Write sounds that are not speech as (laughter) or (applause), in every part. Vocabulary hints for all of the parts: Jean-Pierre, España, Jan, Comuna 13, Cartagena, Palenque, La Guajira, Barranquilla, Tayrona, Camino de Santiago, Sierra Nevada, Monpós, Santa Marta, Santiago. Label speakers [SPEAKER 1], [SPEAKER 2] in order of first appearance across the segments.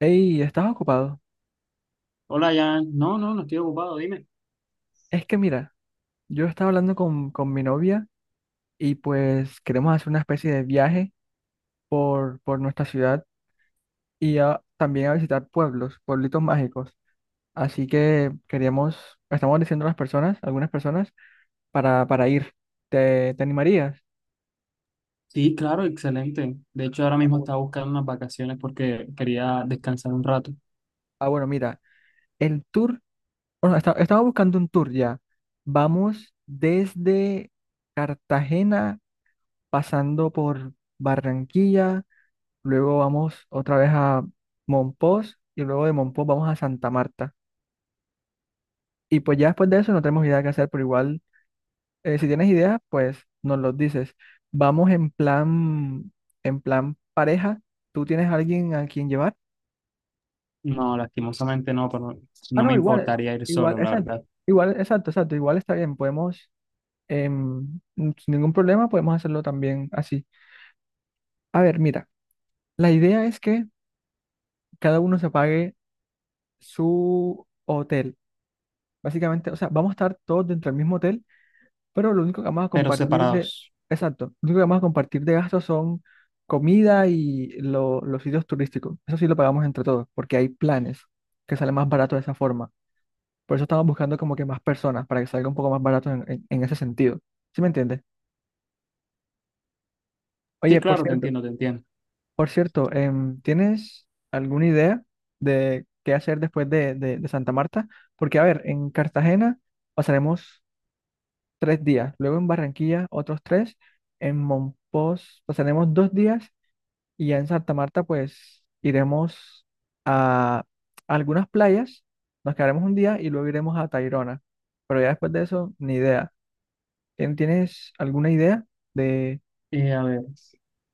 [SPEAKER 1] Hey, ¿estás ocupado?
[SPEAKER 2] Hola, Jan. No estoy ocupado, dime.
[SPEAKER 1] Es que mira, yo estaba hablando con mi novia y pues queremos hacer una especie de viaje por nuestra ciudad y también a visitar pueblos, pueblitos mágicos. Así que queríamos, estamos diciendo a las personas, algunas personas, para ir. ¿Te animarías?
[SPEAKER 2] Sí, claro, excelente. De hecho, ahora
[SPEAKER 1] Ah,
[SPEAKER 2] mismo
[SPEAKER 1] bueno.
[SPEAKER 2] estaba buscando unas vacaciones porque quería descansar un rato.
[SPEAKER 1] Ah, bueno, mira, el tour, bueno, estaba buscando un tour ya. Vamos desde Cartagena, pasando por Barranquilla. Luego vamos otra vez a Monpós y luego de Monpós vamos a Santa Marta. Y pues ya después de eso no tenemos idea qué hacer, pero igual si tienes ideas, pues nos los dices. Vamos en plan pareja. ¿Tú tienes a alguien a quien llevar?
[SPEAKER 2] No, lastimosamente no, pero
[SPEAKER 1] Ah,
[SPEAKER 2] no
[SPEAKER 1] no,
[SPEAKER 2] me
[SPEAKER 1] igual,
[SPEAKER 2] importaría ir
[SPEAKER 1] igual,
[SPEAKER 2] solo, la
[SPEAKER 1] exacto,
[SPEAKER 2] verdad.
[SPEAKER 1] igual, exacto, exacto, igual está bien. Podemos, sin ningún problema, podemos hacerlo también así. A ver, mira, la idea es que cada uno se pague su hotel. Básicamente, o sea, vamos a estar todos dentro del mismo hotel. Pero lo único que vamos a
[SPEAKER 2] Pero
[SPEAKER 1] compartir de...
[SPEAKER 2] separados.
[SPEAKER 1] Exacto, lo único que vamos a compartir de gastos son comida y los sitios turísticos. Eso sí lo pagamos entre todos, porque hay planes que salen más barato de esa forma. Por eso estamos buscando como que más personas, para que salga un poco más barato en ese sentido. ¿Sí me entiendes?
[SPEAKER 2] Sí,
[SPEAKER 1] Oye,
[SPEAKER 2] claro, te entiendo.
[SPEAKER 1] por cierto, ¿tienes alguna idea de qué hacer después de Santa Marta? Porque, a ver, en Cartagena pasaremos 3 días, luego en Barranquilla otros tres, en Monpós pasaremos 2 días y ya en Santa Marta pues iremos a algunas playas, nos quedaremos un día y luego iremos a Tayrona, pero ya después de eso ni idea. ¿Tienes alguna idea de,
[SPEAKER 2] A ver,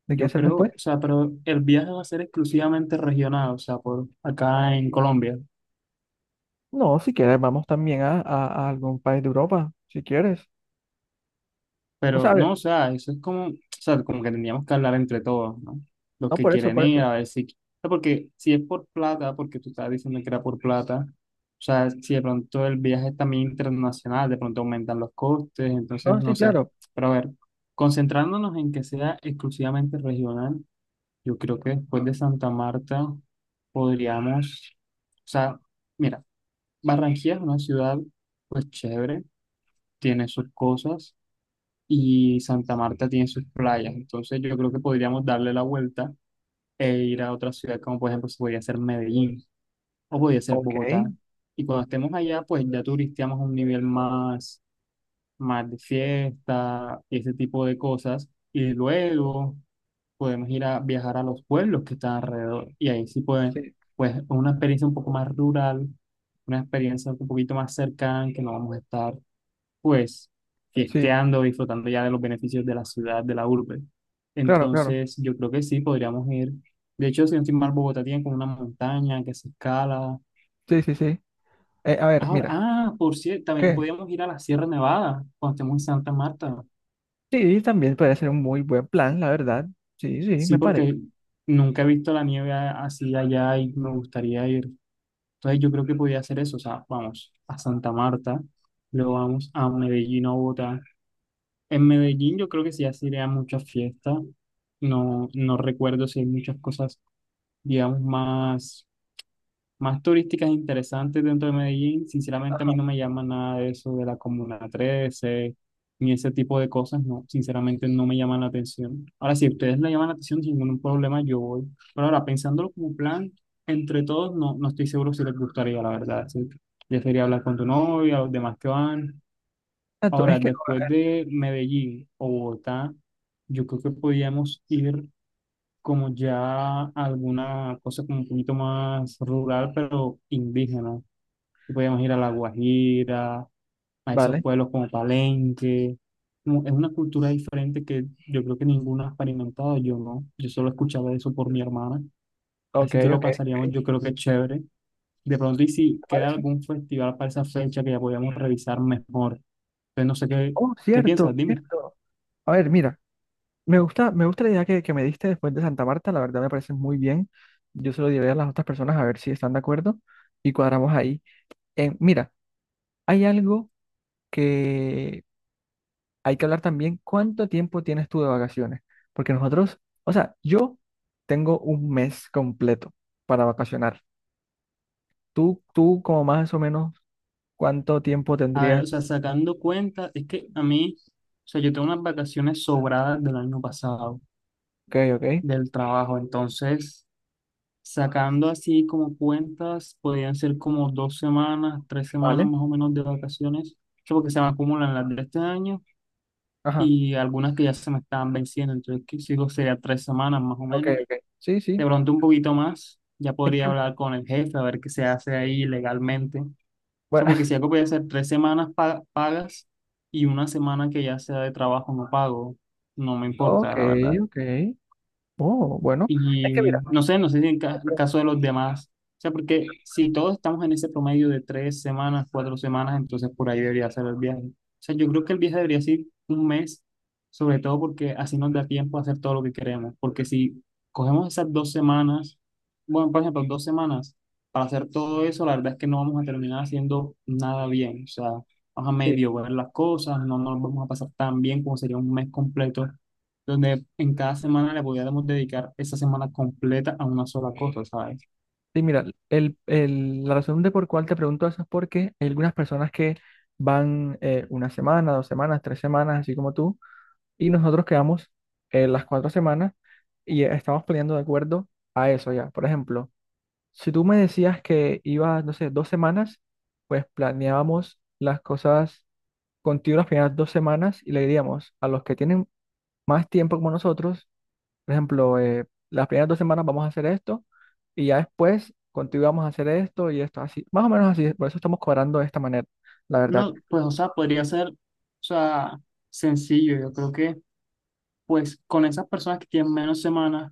[SPEAKER 1] de qué
[SPEAKER 2] yo
[SPEAKER 1] hacer
[SPEAKER 2] creo,
[SPEAKER 1] después?
[SPEAKER 2] o sea, pero el viaje va a ser exclusivamente regional, o sea, por acá en Colombia.
[SPEAKER 1] No, si quieres vamos también a algún país de Europa, si quieres. O
[SPEAKER 2] Pero
[SPEAKER 1] sea, a
[SPEAKER 2] no,
[SPEAKER 1] ver,
[SPEAKER 2] o sea, eso es como, o sea, como que tendríamos que hablar entre todos, ¿no? Los
[SPEAKER 1] no
[SPEAKER 2] que
[SPEAKER 1] por eso,
[SPEAKER 2] quieren
[SPEAKER 1] por
[SPEAKER 2] ir,
[SPEAKER 1] eso.
[SPEAKER 2] a ver si, o sea, porque si es por plata, porque tú estabas diciendo que era por plata, o sea, si de pronto el viaje es también internacional, de pronto aumentan los costes, entonces
[SPEAKER 1] No, sí,
[SPEAKER 2] no sé.
[SPEAKER 1] claro.
[SPEAKER 2] Pero a ver, concentrándonos en que sea exclusivamente regional, yo creo que después de Santa Marta podríamos, o sea, mira, Barranquilla es una ciudad, pues chévere, tiene sus cosas, y Santa Marta tiene sus playas. Entonces yo creo que podríamos darle la vuelta e ir a otra ciudad, como por ejemplo se podría ser Medellín o podría ser
[SPEAKER 1] Ok,
[SPEAKER 2] Bogotá. Y cuando estemos allá, pues ya turisteamos a un nivel más, más de fiesta y ese tipo de cosas. Y luego podemos ir a viajar a los pueblos que están alrededor. Y ahí sí pueden,
[SPEAKER 1] sí,
[SPEAKER 2] pues una experiencia un poco más rural, una experiencia un poquito más cercana, que no vamos a estar pues
[SPEAKER 1] sí,
[SPEAKER 2] fiesteando, disfrutando ya de los beneficios de la ciudad, de la urbe.
[SPEAKER 1] claro, claro.
[SPEAKER 2] Entonces, yo creo que sí, podríamos ir. De hecho, si no estoy mal, Bogotá tiene como una montaña que se escala.
[SPEAKER 1] Sí, sí, sí. A ver,
[SPEAKER 2] Ahora,
[SPEAKER 1] mira,
[SPEAKER 2] ah, por cierto, también
[SPEAKER 1] ¿qué?
[SPEAKER 2] podríamos ir a la Sierra Nevada cuando estemos en Santa Marta.
[SPEAKER 1] Sí, sí, también puede ser un muy buen plan, la verdad. Sí, sí,
[SPEAKER 2] Sí,
[SPEAKER 1] me parece.
[SPEAKER 2] porque nunca he visto la nieve así allá y me gustaría ir. Entonces, yo creo que podría hacer eso. O sea, vamos a Santa Marta, luego vamos a Medellín o Bogotá. En Medellín yo creo que sí así a muchas fiestas. No, no recuerdo si hay muchas cosas, digamos, más, más turísticas interesantes dentro de Medellín. Sinceramente a
[SPEAKER 1] Ajá.
[SPEAKER 2] mí no me llama nada de eso de la Comuna 13 ni ese tipo de cosas. No, sinceramente no me llaman la atención. Ahora, si a ustedes le llaman la atención, sin ningún problema, yo voy. Pero ahora, pensándolo como plan, entre todos, no estoy seguro si les gustaría, la verdad. Sí. Ya sería hablar con tu novia, los demás que van.
[SPEAKER 1] Exacto, es
[SPEAKER 2] Ahora,
[SPEAKER 1] que,
[SPEAKER 2] después de Medellín o Bogotá, yo creo que podíamos ir como ya a alguna cosa como un poquito más rural, pero indígena. Y podíamos ir a La Guajira, a esos
[SPEAKER 1] vale,
[SPEAKER 2] pueblos como Palenque. Como es una cultura diferente que yo creo que ninguno ha experimentado, yo no. Yo solo escuchaba eso por mi hermana.
[SPEAKER 1] ok,
[SPEAKER 2] Así que
[SPEAKER 1] ok,
[SPEAKER 2] lo
[SPEAKER 1] ok,
[SPEAKER 2] pasaríamos, yo creo que chévere. De pronto, y si
[SPEAKER 1] me
[SPEAKER 2] queda
[SPEAKER 1] parece.
[SPEAKER 2] algún festival para esa fecha, que ya podíamos revisar mejor. Entonces, no sé qué,
[SPEAKER 1] Oh,
[SPEAKER 2] qué
[SPEAKER 1] cierto,
[SPEAKER 2] piensas, dime.
[SPEAKER 1] cierto. A ver, mira, me gusta la idea que me diste después de Santa Marta, la verdad me parece muy bien. Yo se lo diré a las otras personas a ver si están de acuerdo y cuadramos ahí. Mira, hay algo que hay que hablar también, ¿cuánto tiempo tienes tú de vacaciones? Porque nosotros, o sea, yo tengo un mes completo para vacacionar. Tú, como más o menos, ¿cuánto tiempo
[SPEAKER 2] A ver,
[SPEAKER 1] tendrías?
[SPEAKER 2] o sea, sacando cuenta, es que a mí, o sea, yo tengo unas vacaciones sobradas del año pasado,
[SPEAKER 1] Ok, ok,
[SPEAKER 2] del trabajo. Entonces, sacando así como cuentas, podrían ser como dos semanas, tres semanas
[SPEAKER 1] vale.
[SPEAKER 2] más o menos de vacaciones, que porque se me acumulan las de este año
[SPEAKER 1] Ajá,
[SPEAKER 2] y algunas que ya se me estaban venciendo. Entonces, que sigo sería tres semanas más o
[SPEAKER 1] ok,
[SPEAKER 2] menos.
[SPEAKER 1] ok. Sí, sí.
[SPEAKER 2] De pronto un poquito más, ya
[SPEAKER 1] Es
[SPEAKER 2] podría
[SPEAKER 1] que mira,
[SPEAKER 2] hablar con el jefe a ver qué se hace ahí legalmente. O sea,
[SPEAKER 1] bueno,
[SPEAKER 2] porque si algo puede ser tres semanas pagas y una semana que ya sea de trabajo no pago, no me
[SPEAKER 1] (laughs)
[SPEAKER 2] importa,
[SPEAKER 1] ok,
[SPEAKER 2] la verdad.
[SPEAKER 1] ok. Oh, bueno. Es que mira,
[SPEAKER 2] Y no sé, no sé si en
[SPEAKER 1] te
[SPEAKER 2] en
[SPEAKER 1] pre-
[SPEAKER 2] caso de los demás. O sea, porque si todos estamos en ese promedio de tres semanas, cuatro semanas, entonces por ahí debería ser el viaje. O sea, yo creo que el viaje debería ser un mes, sobre todo porque así nos da tiempo a hacer todo lo que queremos. Porque si cogemos esas dos semanas, bueno, por ejemplo, dos semanas para hacer todo eso, la verdad es que no vamos a terminar haciendo nada bien. O sea, vamos a
[SPEAKER 1] sí,
[SPEAKER 2] medio ver las cosas, no nos vamos a pasar tan bien como sería un mes completo donde en cada semana le pudiéramos dedicar esa semana completa a una sola cosa, ¿sabes?
[SPEAKER 1] sí, mira, la razón de por cuál te pregunto eso es porque hay algunas personas que van una semana, 2 semanas, 3 semanas, así como tú, y nosotros quedamos las 4 semanas y estamos poniendo de acuerdo a eso ya. Por ejemplo. Si tú me decías que ibas, no sé, 2 semanas, pues planeábamos las cosas contigo las primeras 2 semanas y le diríamos a los que tienen más tiempo como nosotros, por ejemplo, las primeras 2 semanas vamos a hacer esto y ya después contigo vamos a hacer esto y esto, así, más o menos así, por eso estamos cobrando de esta manera, la verdad.
[SPEAKER 2] No, pues, o sea, podría ser, o sea, sencillo. Yo creo que, pues, con esas personas que tienen menos semanas,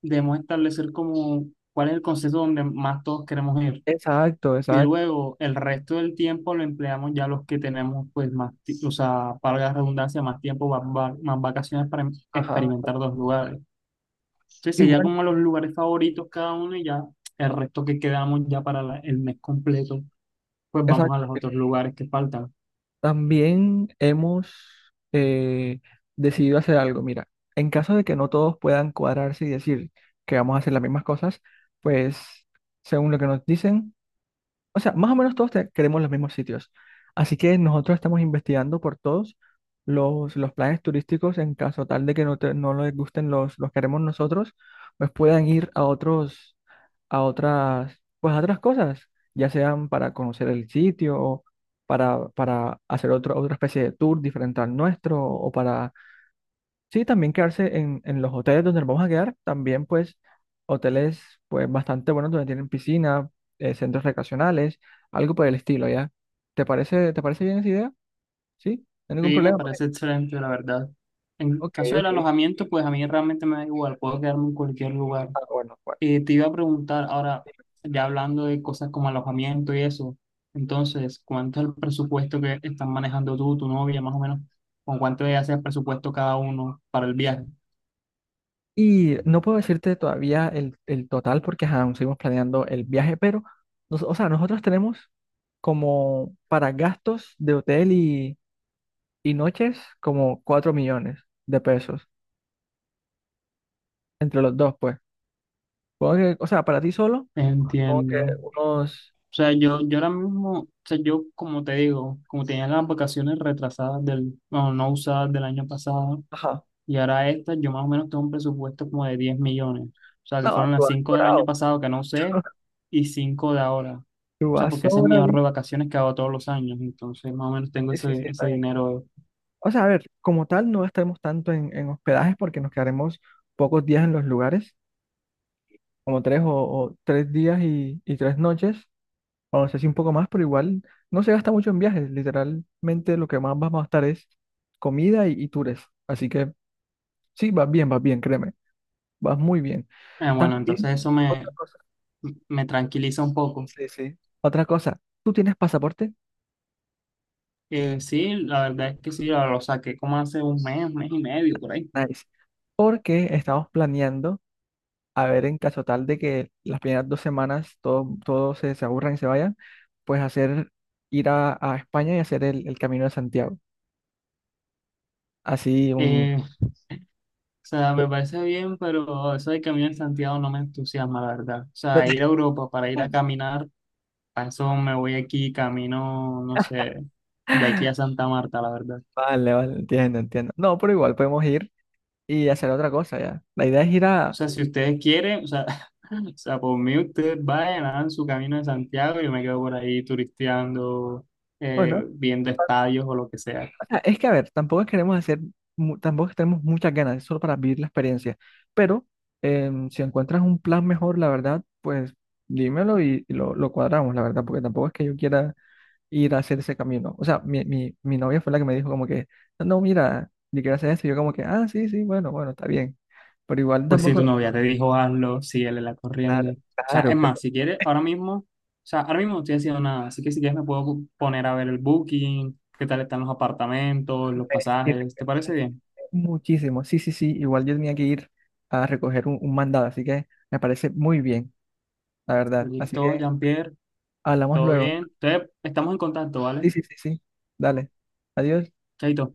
[SPEAKER 2] debemos establecer como cuál es el concepto donde más todos queremos ir.
[SPEAKER 1] Exacto,
[SPEAKER 2] Y
[SPEAKER 1] exacto.
[SPEAKER 2] luego el resto del tiempo lo empleamos ya los que tenemos, pues, más, o sea, para la redundancia, más tiempo, más, más vacaciones para
[SPEAKER 1] Ajá.
[SPEAKER 2] experimentar dos lugares. Sí,
[SPEAKER 1] Y
[SPEAKER 2] sería
[SPEAKER 1] bueno,
[SPEAKER 2] como los lugares favoritos cada uno, y ya el resto que quedamos ya para el mes completo, pues vamos a
[SPEAKER 1] exacto.
[SPEAKER 2] los otros lugares que faltan.
[SPEAKER 1] También hemos eh, decidido hacer algo. Mira, en caso de que no todos puedan cuadrarse y decir que vamos a hacer las mismas cosas, pues según lo que nos dicen, o sea, más o menos todos queremos los mismos sitios. Así que nosotros estamos investigando por todos los planes turísticos en caso tal de que no, no les gusten los que haremos nosotros, pues puedan ir a otros, a otras, pues a otras cosas, ya sean para conocer el sitio, o para hacer otro, otra especie de tour diferente al nuestro, o para... Sí, también quedarse en los hoteles donde nos vamos a quedar, también pues hoteles pues bastante buenos donde tienen piscina, centros recreacionales, algo por el estilo, ¿ya? ¿Te parece bien esa idea? ¿Sí? ¿No hay ningún
[SPEAKER 2] Sí, me
[SPEAKER 1] problema por
[SPEAKER 2] parece
[SPEAKER 1] eso?
[SPEAKER 2] excelente, la verdad. En
[SPEAKER 1] Ok,
[SPEAKER 2] caso del
[SPEAKER 1] ok.
[SPEAKER 2] alojamiento, pues a mí realmente me da igual, puedo quedarme en cualquier lugar.
[SPEAKER 1] Ah, bueno, bueno.
[SPEAKER 2] Te iba a preguntar ahora, ya hablando de cosas como alojamiento y eso, entonces, ¿cuánto es el presupuesto que están manejando tú, tu novia, más o menos? ¿Con cuánto ya hace el presupuesto cada uno para el viaje?
[SPEAKER 1] Y no puedo decirte todavía el total porque ajá, aún seguimos planeando el viaje, pero, o sea, nosotros tenemos como para gastos de hotel y noches como 4 millones de pesos entre los dos, pues. Supongo que, o sea, para ti solo. Como que
[SPEAKER 2] Entiendo.
[SPEAKER 1] unos,
[SPEAKER 2] O sea, yo ahora mismo, o sea, yo como te digo, como tenía las vacaciones retrasadas del, bueno, no usadas del año pasado,
[SPEAKER 1] ajá,
[SPEAKER 2] y ahora estas, yo más o menos tengo un presupuesto como de 10 millones. O sea, que
[SPEAKER 1] no,
[SPEAKER 2] fueron
[SPEAKER 1] tú
[SPEAKER 2] las
[SPEAKER 1] vas
[SPEAKER 2] 5 del año
[SPEAKER 1] sobrado,
[SPEAKER 2] pasado que no usé
[SPEAKER 1] (laughs)
[SPEAKER 2] y 5 de ahora. O
[SPEAKER 1] tú
[SPEAKER 2] sea,
[SPEAKER 1] vas
[SPEAKER 2] porque ese es mi ahorro
[SPEAKER 1] sobradito.
[SPEAKER 2] de vacaciones que hago todos los años. Entonces, más o menos tengo
[SPEAKER 1] Sí, sí,
[SPEAKER 2] ese,
[SPEAKER 1] sí, está
[SPEAKER 2] ese
[SPEAKER 1] bien.
[SPEAKER 2] dinero.
[SPEAKER 1] O sea, a ver, como tal, no estaremos tanto en hospedajes porque nos quedaremos pocos días en los lugares, como tres o 3 días y 3 noches, o no sé si un poco más, pero igual no se gasta mucho en viajes, literalmente lo que más vamos a estar es comida y tours, así que sí, vas bien, créeme, vas muy bien.
[SPEAKER 2] Bueno,
[SPEAKER 1] También,
[SPEAKER 2] entonces eso
[SPEAKER 1] otra
[SPEAKER 2] me,
[SPEAKER 1] cosa,
[SPEAKER 2] me tranquiliza un poco.
[SPEAKER 1] sí, sí, otra cosa, ¿tú tienes pasaporte?
[SPEAKER 2] Sí, la verdad es que sí, lo saqué como hace un mes y medio por ahí.
[SPEAKER 1] Nice. Porque estamos planeando, a ver, en caso tal de que las primeras 2 semanas todo se aburran y se vayan, pues hacer, ir a España y hacer el Camino de Santiago. Así un...
[SPEAKER 2] Eh, O sea, me parece bien, pero eso de caminar en Santiago no me entusiasma, la verdad. O
[SPEAKER 1] no
[SPEAKER 2] sea,
[SPEAKER 1] te-
[SPEAKER 2] ir a Europa para ir a caminar, para eso me voy aquí, camino, no
[SPEAKER 1] (laughs)
[SPEAKER 2] sé, de aquí a Santa Marta, la verdad.
[SPEAKER 1] Vale, vale, entiendo, entiendo. No, pero igual podemos ir y hacer otra cosa ya. La idea es ir
[SPEAKER 2] O
[SPEAKER 1] a...
[SPEAKER 2] sea, si ustedes quieren, o sea, (laughs) o sea, por mí ustedes vayan, hagan su camino de Santiago y yo me quedo por ahí turisteando,
[SPEAKER 1] Bueno.
[SPEAKER 2] viendo estadios o lo que sea.
[SPEAKER 1] O sea, es que, a ver, tampoco queremos hacer, tampoco tenemos muchas ganas, es solo para vivir la experiencia. Pero si encuentras un plan mejor, la verdad, pues dímelo y lo cuadramos, la verdad, porque tampoco es que yo quiera ir a hacer ese camino. O sea, mi novia fue la que me dijo como que, no, no, mira, yo quiero hacer esto, y yo como que, ah, sí, sí, bueno, bueno, está bien. Pero igual
[SPEAKER 2] Pues si
[SPEAKER 1] tampoco,
[SPEAKER 2] tu novia te dijo hazlo, síguele la
[SPEAKER 1] claro,
[SPEAKER 2] corriente. O sea, es
[SPEAKER 1] claro,
[SPEAKER 2] más,
[SPEAKER 1] pero
[SPEAKER 2] si quieres, ahora mismo, o sea, ahora mismo no estoy haciendo nada, así que si quieres me puedo poner a ver el booking, qué tal están los apartamentos,
[SPEAKER 1] me
[SPEAKER 2] los
[SPEAKER 1] sirve, me sirve
[SPEAKER 2] pasajes, ¿te parece
[SPEAKER 1] (laughs)
[SPEAKER 2] bien?
[SPEAKER 1] muchísimo. Sí, sí, sí, igual yo tenía que ir a recoger un mandado, así que me parece muy bien, la verdad. Así
[SPEAKER 2] Listo,
[SPEAKER 1] que...
[SPEAKER 2] Jean-Pierre,
[SPEAKER 1] Hablamos
[SPEAKER 2] todo
[SPEAKER 1] luego.
[SPEAKER 2] bien. Entonces, estamos en contacto, ¿vale?
[SPEAKER 1] Sí, sí, sí, sí. Dale. Adiós.
[SPEAKER 2] Chaito.